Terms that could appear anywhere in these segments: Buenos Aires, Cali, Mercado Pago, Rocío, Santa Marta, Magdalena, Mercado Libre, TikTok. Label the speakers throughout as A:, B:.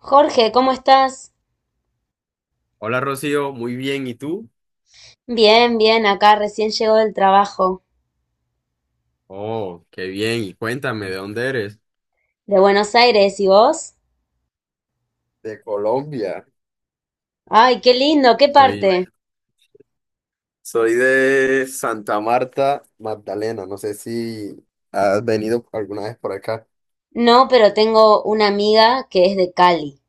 A: Jorge, ¿cómo estás?
B: Hola Rocío, muy bien, ¿y tú?
A: Bien, bien, acá recién llegó del trabajo.
B: Oh, qué bien, y cuéntame, ¿de dónde eres?
A: De Buenos Aires, ¿y vos?
B: De Colombia.
A: Ay, qué lindo, ¿qué
B: Soy,
A: parte?
B: Soy de Santa Marta, Magdalena. No sé si has venido alguna vez por acá.
A: No, pero tengo una amiga que es de Cali.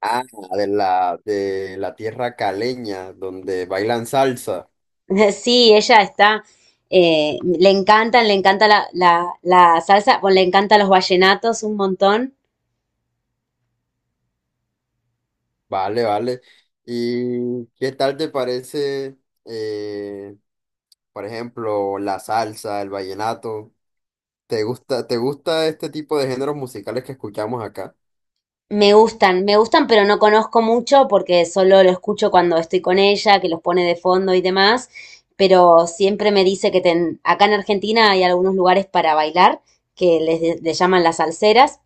B: Ah, de la tierra caleña, donde bailan salsa.
A: Sí, ella está, le encanta la salsa, bueno, le encantan los vallenatos un montón.
B: Vale, vale. ¿Y qué tal te parece, eh, por ejemplo, la salsa, el vallenato? Te gusta este tipo de géneros musicales que escuchamos acá?
A: Me gustan, pero no conozco mucho porque solo lo escucho cuando estoy con ella, que los pone de fondo y demás, pero siempre me dice que acá en Argentina hay algunos lugares para bailar que les, le llaman las salseras,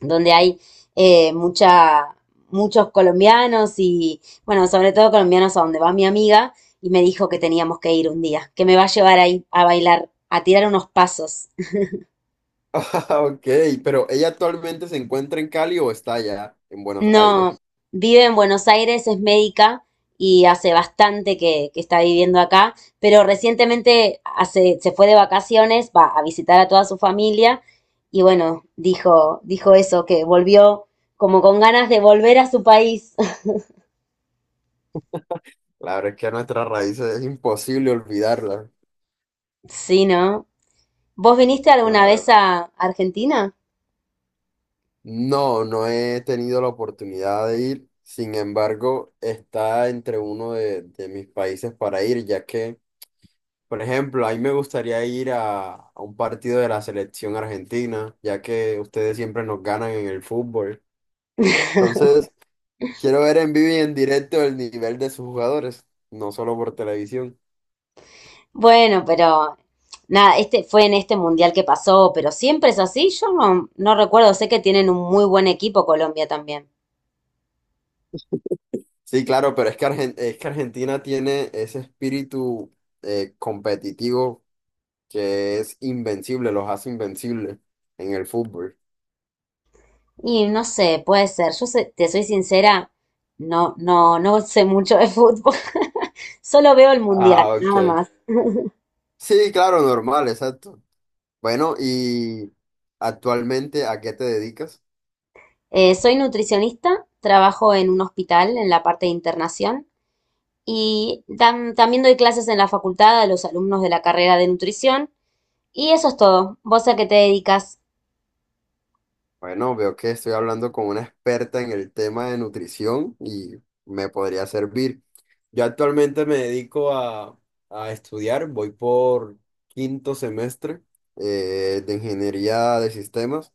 A: donde hay eh, mucha, muchos colombianos y, bueno, sobre todo colombianos a donde va mi amiga y me dijo que teníamos que ir un día, que me va a llevar ahí a bailar, a tirar unos pasos.
B: Ah, ok, pero ¿ella actualmente se encuentra en Cali o está allá en Buenos Aires?
A: No, vive en Buenos Aires, es médica y hace bastante que está viviendo acá, pero recientemente hace, se fue de vacaciones, va a visitar a toda su familia y bueno, dijo eso, que volvió como con ganas de volver a su país.
B: La verdad es que nuestras raíces es imposible olvidarlas.
A: Sí, ¿no? ¿Vos viniste alguna vez
B: Claro.
A: a Argentina?
B: No, no he tenido la oportunidad de ir. Sin embargo, está entre de mis países para ir, ya que, por ejemplo, a mí me gustaría ir a un partido de la selección argentina, ya que ustedes siempre nos ganan en el fútbol. Entonces, quiero ver en vivo y en directo el nivel de sus jugadores, no solo por televisión.
A: Bueno, pero nada, este fue en este mundial que pasó, pero siempre es así. Yo no recuerdo, sé que tienen un muy buen equipo Colombia también.
B: Sí, claro, pero es que, es que Argentina tiene ese espíritu competitivo que es invencible, los hace invencibles en el fútbol.
A: Y no sé, puede ser. Yo te soy sincera, no sé mucho de fútbol. Solo veo el mundial,
B: Ah,
A: nada
B: ok.
A: más.
B: Sí, claro, normal, exacto. Bueno, y actualmente, ¿a qué te dedicas?
A: Soy nutricionista, trabajo en un hospital en la parte de internación y también doy clases en la facultad a los alumnos de la carrera de nutrición. Y eso es todo. ¿Vos a qué te dedicas?
B: Bueno, veo que estoy hablando con una experta en el tema de nutrición y me podría servir. Yo actualmente me dedico a estudiar, voy por quinto semestre de ingeniería de sistemas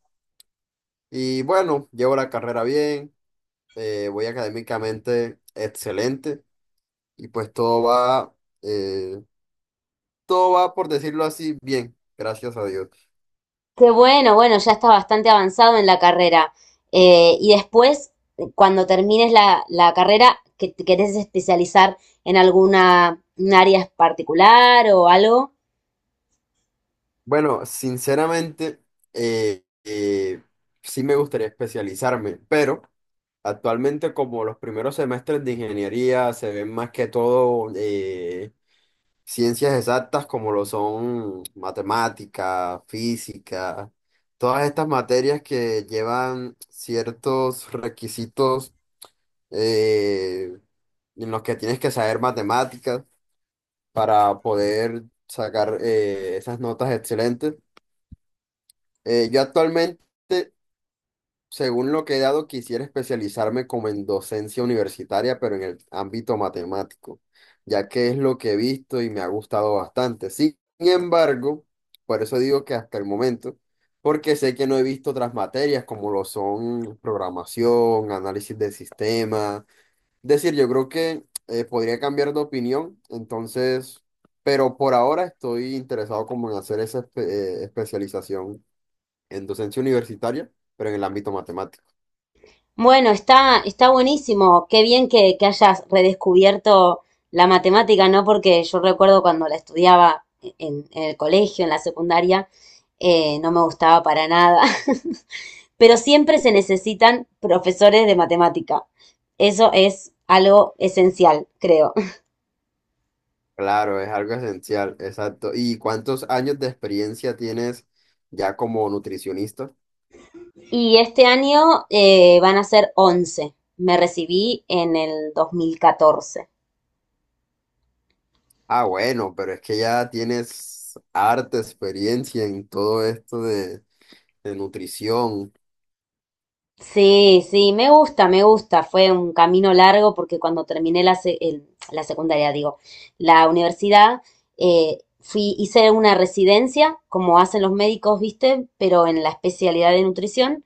B: y bueno, llevo la carrera bien, voy académicamente excelente y pues eh, todo va, por decirlo así, bien, gracias a Dios.
A: Qué bueno, bueno, ya estás bastante avanzado en la carrera. Y después, cuando termines la carrera, ¿que te querés especializar en alguna un área particular o algo?
B: Bueno, sinceramente, eh, eh, sí me gustaría especializarme, pero actualmente como los primeros semestres de ingeniería se ven más que todo ciencias exactas como lo son matemática, física, todas estas materias que llevan ciertos requisitos eh, en los que tienes que saber matemáticas para poder sacar esas notas excelentes. Yo actualmente, según lo que he dado, quisiera especializarme como en docencia universitaria, pero en el ámbito matemático, ya que es lo que he visto y me ha gustado bastante. Sin embargo, por eso digo que hasta el momento, porque sé que no he visto otras materias como lo son programación, análisis de sistemas. Es decir, yo creo que podría cambiar de opinión, entonces, pero por ahora estoy interesado como en hacer especialización en docencia universitaria, pero en el ámbito matemático.
A: Bueno, está buenísimo. Qué bien que hayas redescubierto la matemática, ¿no? Porque yo recuerdo cuando la estudiaba en el colegio, en la secundaria, no me gustaba para nada. Pero siempre se necesitan profesores de matemática. Eso es algo esencial, creo.
B: Claro, es algo esencial, exacto. ¿Y cuántos años de experiencia tienes ya como nutricionista?
A: Y este año van a ser 11. Me recibí en el 2014.
B: Ah, bueno, pero es que ya tienes harta experiencia en todo de nutrición.
A: Sí, sí, me gusta, me gusta. Fue un camino largo porque cuando terminé la secundaria, digo, la universidad, fui, hice una residencia, como hacen los médicos, ¿viste? Pero en la especialidad de nutrición.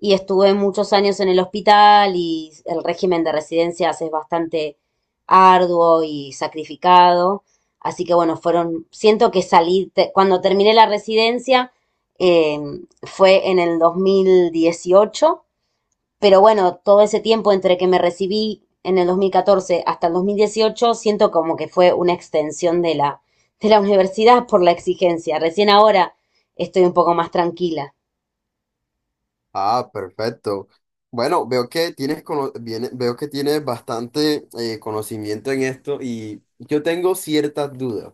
A: Y estuve muchos años en el hospital y el régimen de residencias es bastante arduo y sacrificado. Así que bueno, fueron, siento que salí, cuando terminé la residencia, eh, fue en el 2018. Pero bueno, todo ese tiempo entre que me recibí en el 2014 hasta el 2018 siento como que fue una extensión de de la universidad por la exigencia. Recién ahora estoy un poco más tranquila.
B: Ah, perfecto. Bueno, veo que veo que tienes bastante conocimiento en esto y yo tengo ciertas dudas.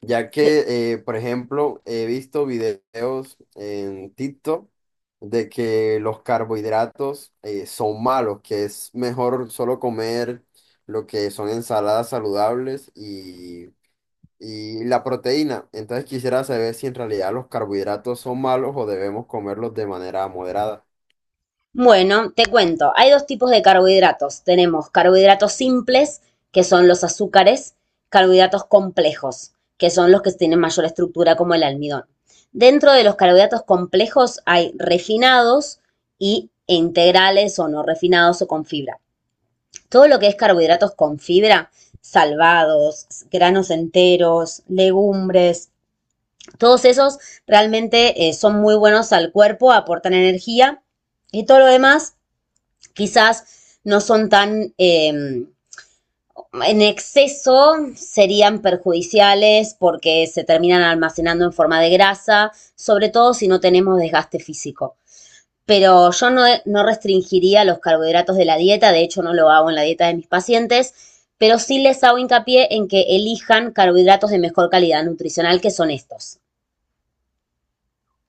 B: Ya
A: Te-
B: que, por ejemplo, he visto videos en TikTok de que los carbohidratos son malos, que es mejor solo comer lo que son ensaladas saludables y la proteína. Entonces quisiera saber si en realidad los carbohidratos son malos o debemos comerlos de manera moderada.
A: Bueno, te cuento, hay dos tipos de carbohidratos. Tenemos carbohidratos simples, que son los azúcares, carbohidratos complejos, que son los que tienen mayor estructura como el almidón. Dentro de los carbohidratos complejos hay refinados e integrales o no refinados o con fibra. Todo lo que es carbohidratos con fibra, salvados, granos enteros, legumbres, todos esos realmente son muy buenos al cuerpo, aportan energía y todo lo demás quizás no son tan. En exceso serían perjudiciales porque se terminan almacenando en forma de grasa, sobre todo si no tenemos desgaste físico. Pero yo no restringiría los carbohidratos de la dieta, de hecho no lo hago en la dieta de mis pacientes, pero sí les hago hincapié en que elijan carbohidratos de mejor calidad nutricional que son estos.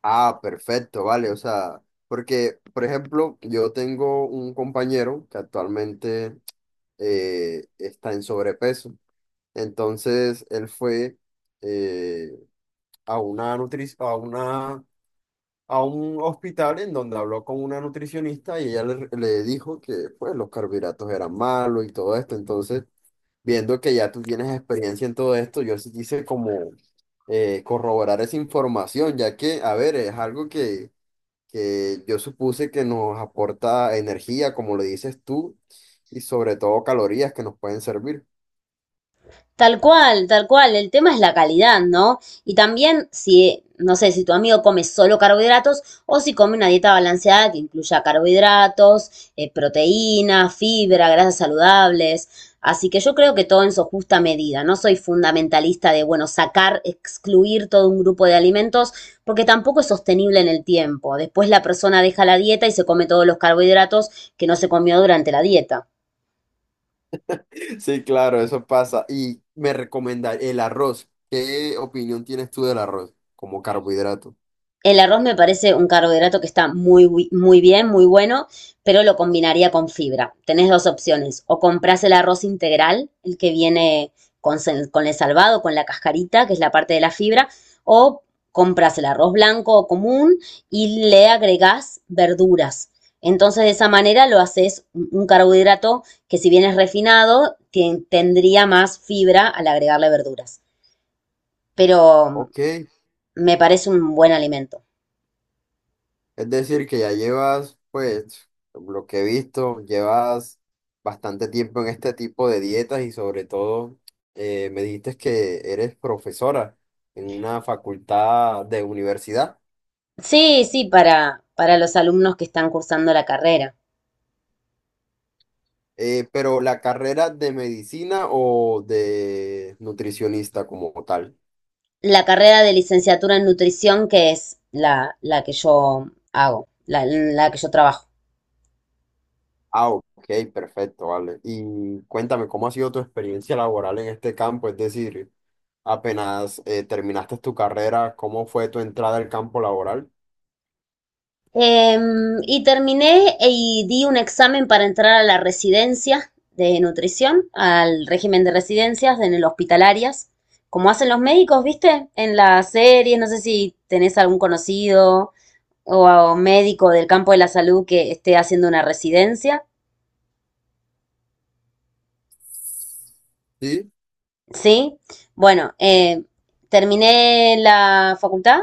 B: Ah, perfecto, vale. O sea, porque, por ejemplo, yo tengo un compañero que actualmente está en sobrepeso. Entonces él fue eh, a una nutri- a una, a un hospital en donde habló con una nutricionista y le dijo que pues los carbohidratos eran malos y todo esto. Entonces, viendo que ya tú tienes experiencia en todo esto, yo sí quise como corroborar esa información, ya que, a ver, es algo que yo supuse que nos aporta energía, como le dices tú, y sobre todo calorías que nos pueden servir.
A: Tal cual, tal cual. El tema es la calidad, ¿no? Y también si, no sé, si tu amigo come solo carbohidratos o si come una dieta balanceada que incluya carbohidratos, proteína, fibra, grasas saludables. Así que yo creo que todo en su justa medida. No soy fundamentalista de, bueno, sacar, excluir todo un grupo de alimentos porque tampoco es sostenible en el tiempo. Después la persona deja la dieta y se come todos los carbohidratos que no se comió durante la dieta.
B: Sí, claro, eso pasa. Y me recomendar el arroz. ¿Qué opinión tienes tú del arroz como carbohidrato?
A: El arroz me parece un carbohidrato que está muy, muy bien, muy bueno, pero lo combinaría con fibra. Tenés dos opciones, o compras el arroz integral, el que viene con, con el salvado, con la cascarita, que es la parte de la fibra, o compras el arroz blanco o común y le agregás verduras. Entonces, de esa manera lo haces un carbohidrato que si bien es refinado, tendría más fibra al agregarle verduras. Pero
B: Ok, es
A: me parece un buen alimento.
B: decir, que ya llevas, pues, lo que he visto, llevas bastante tiempo en este tipo de dietas y sobre todo me dijiste que eres profesora en una facultad de universidad.
A: Sí, sí, para los alumnos que están cursando la carrera.
B: Pero la carrera de medicina o de nutricionista como tal.
A: La carrera de licenciatura en nutrición, que es la que yo hago, la que yo trabajo.
B: Ah, ok, perfecto, vale. Y cuéntame, ¿cómo ha sido tu experiencia laboral en este campo? Es decir, apenas terminaste tu carrera, ¿cómo fue tu entrada al campo laboral?
A: Y terminé y di un examen para entrar a la residencia de nutrición, al régimen de residencias en el hospital hospitalarias, como hacen los médicos, ¿viste? En las series, no sé si tenés algún conocido o, o médico del campo de la salud que esté haciendo una residencia.
B: Sí,
A: Sí, bueno, terminé la facultad,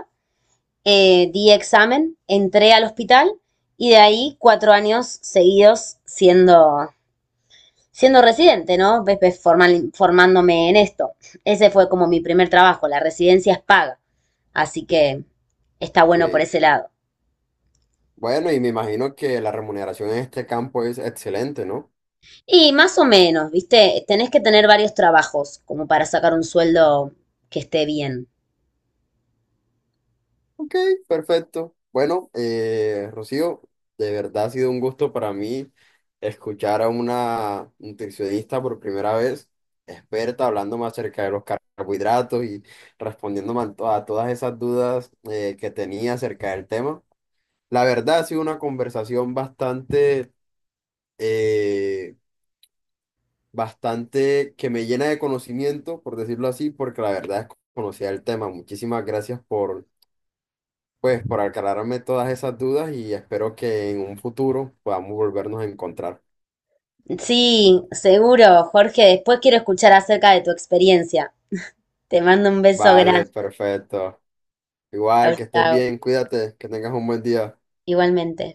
A: di examen, entré al hospital y de ahí 4 años seguidos siendo residente, ¿no? Formándome en esto. Ese fue como mi primer trabajo, la residencia es paga, así que está bueno por
B: ok.
A: ese lado.
B: Bueno, y me imagino que la remuneración en este campo es excelente, ¿no?
A: Y más o menos, ¿viste? Tenés que tener varios trabajos como para sacar un sueldo que esté bien.
B: Ok, perfecto. Bueno, Rocío, de verdad ha sido un gusto para mí escuchar a una nutricionista por primera vez, experta, hablándome acerca de los carbohidratos y respondiéndome a todas esas dudas que tenía acerca del tema. La verdad ha sido una conversación eh, bastante que me llena de conocimiento, por decirlo así, porque la verdad es que conocía el tema. Muchísimas gracias por, pues, por aclararme todas esas dudas y espero que en un futuro podamos volvernos a encontrar.
A: Sí, seguro, Jorge. Después quiero escuchar acerca de tu experiencia. Te mando un beso grande.
B: Vale, perfecto.
A: Chau,
B: Igual, que estés
A: chau.
B: bien, cuídate, que tengas un buen día.
A: Igualmente.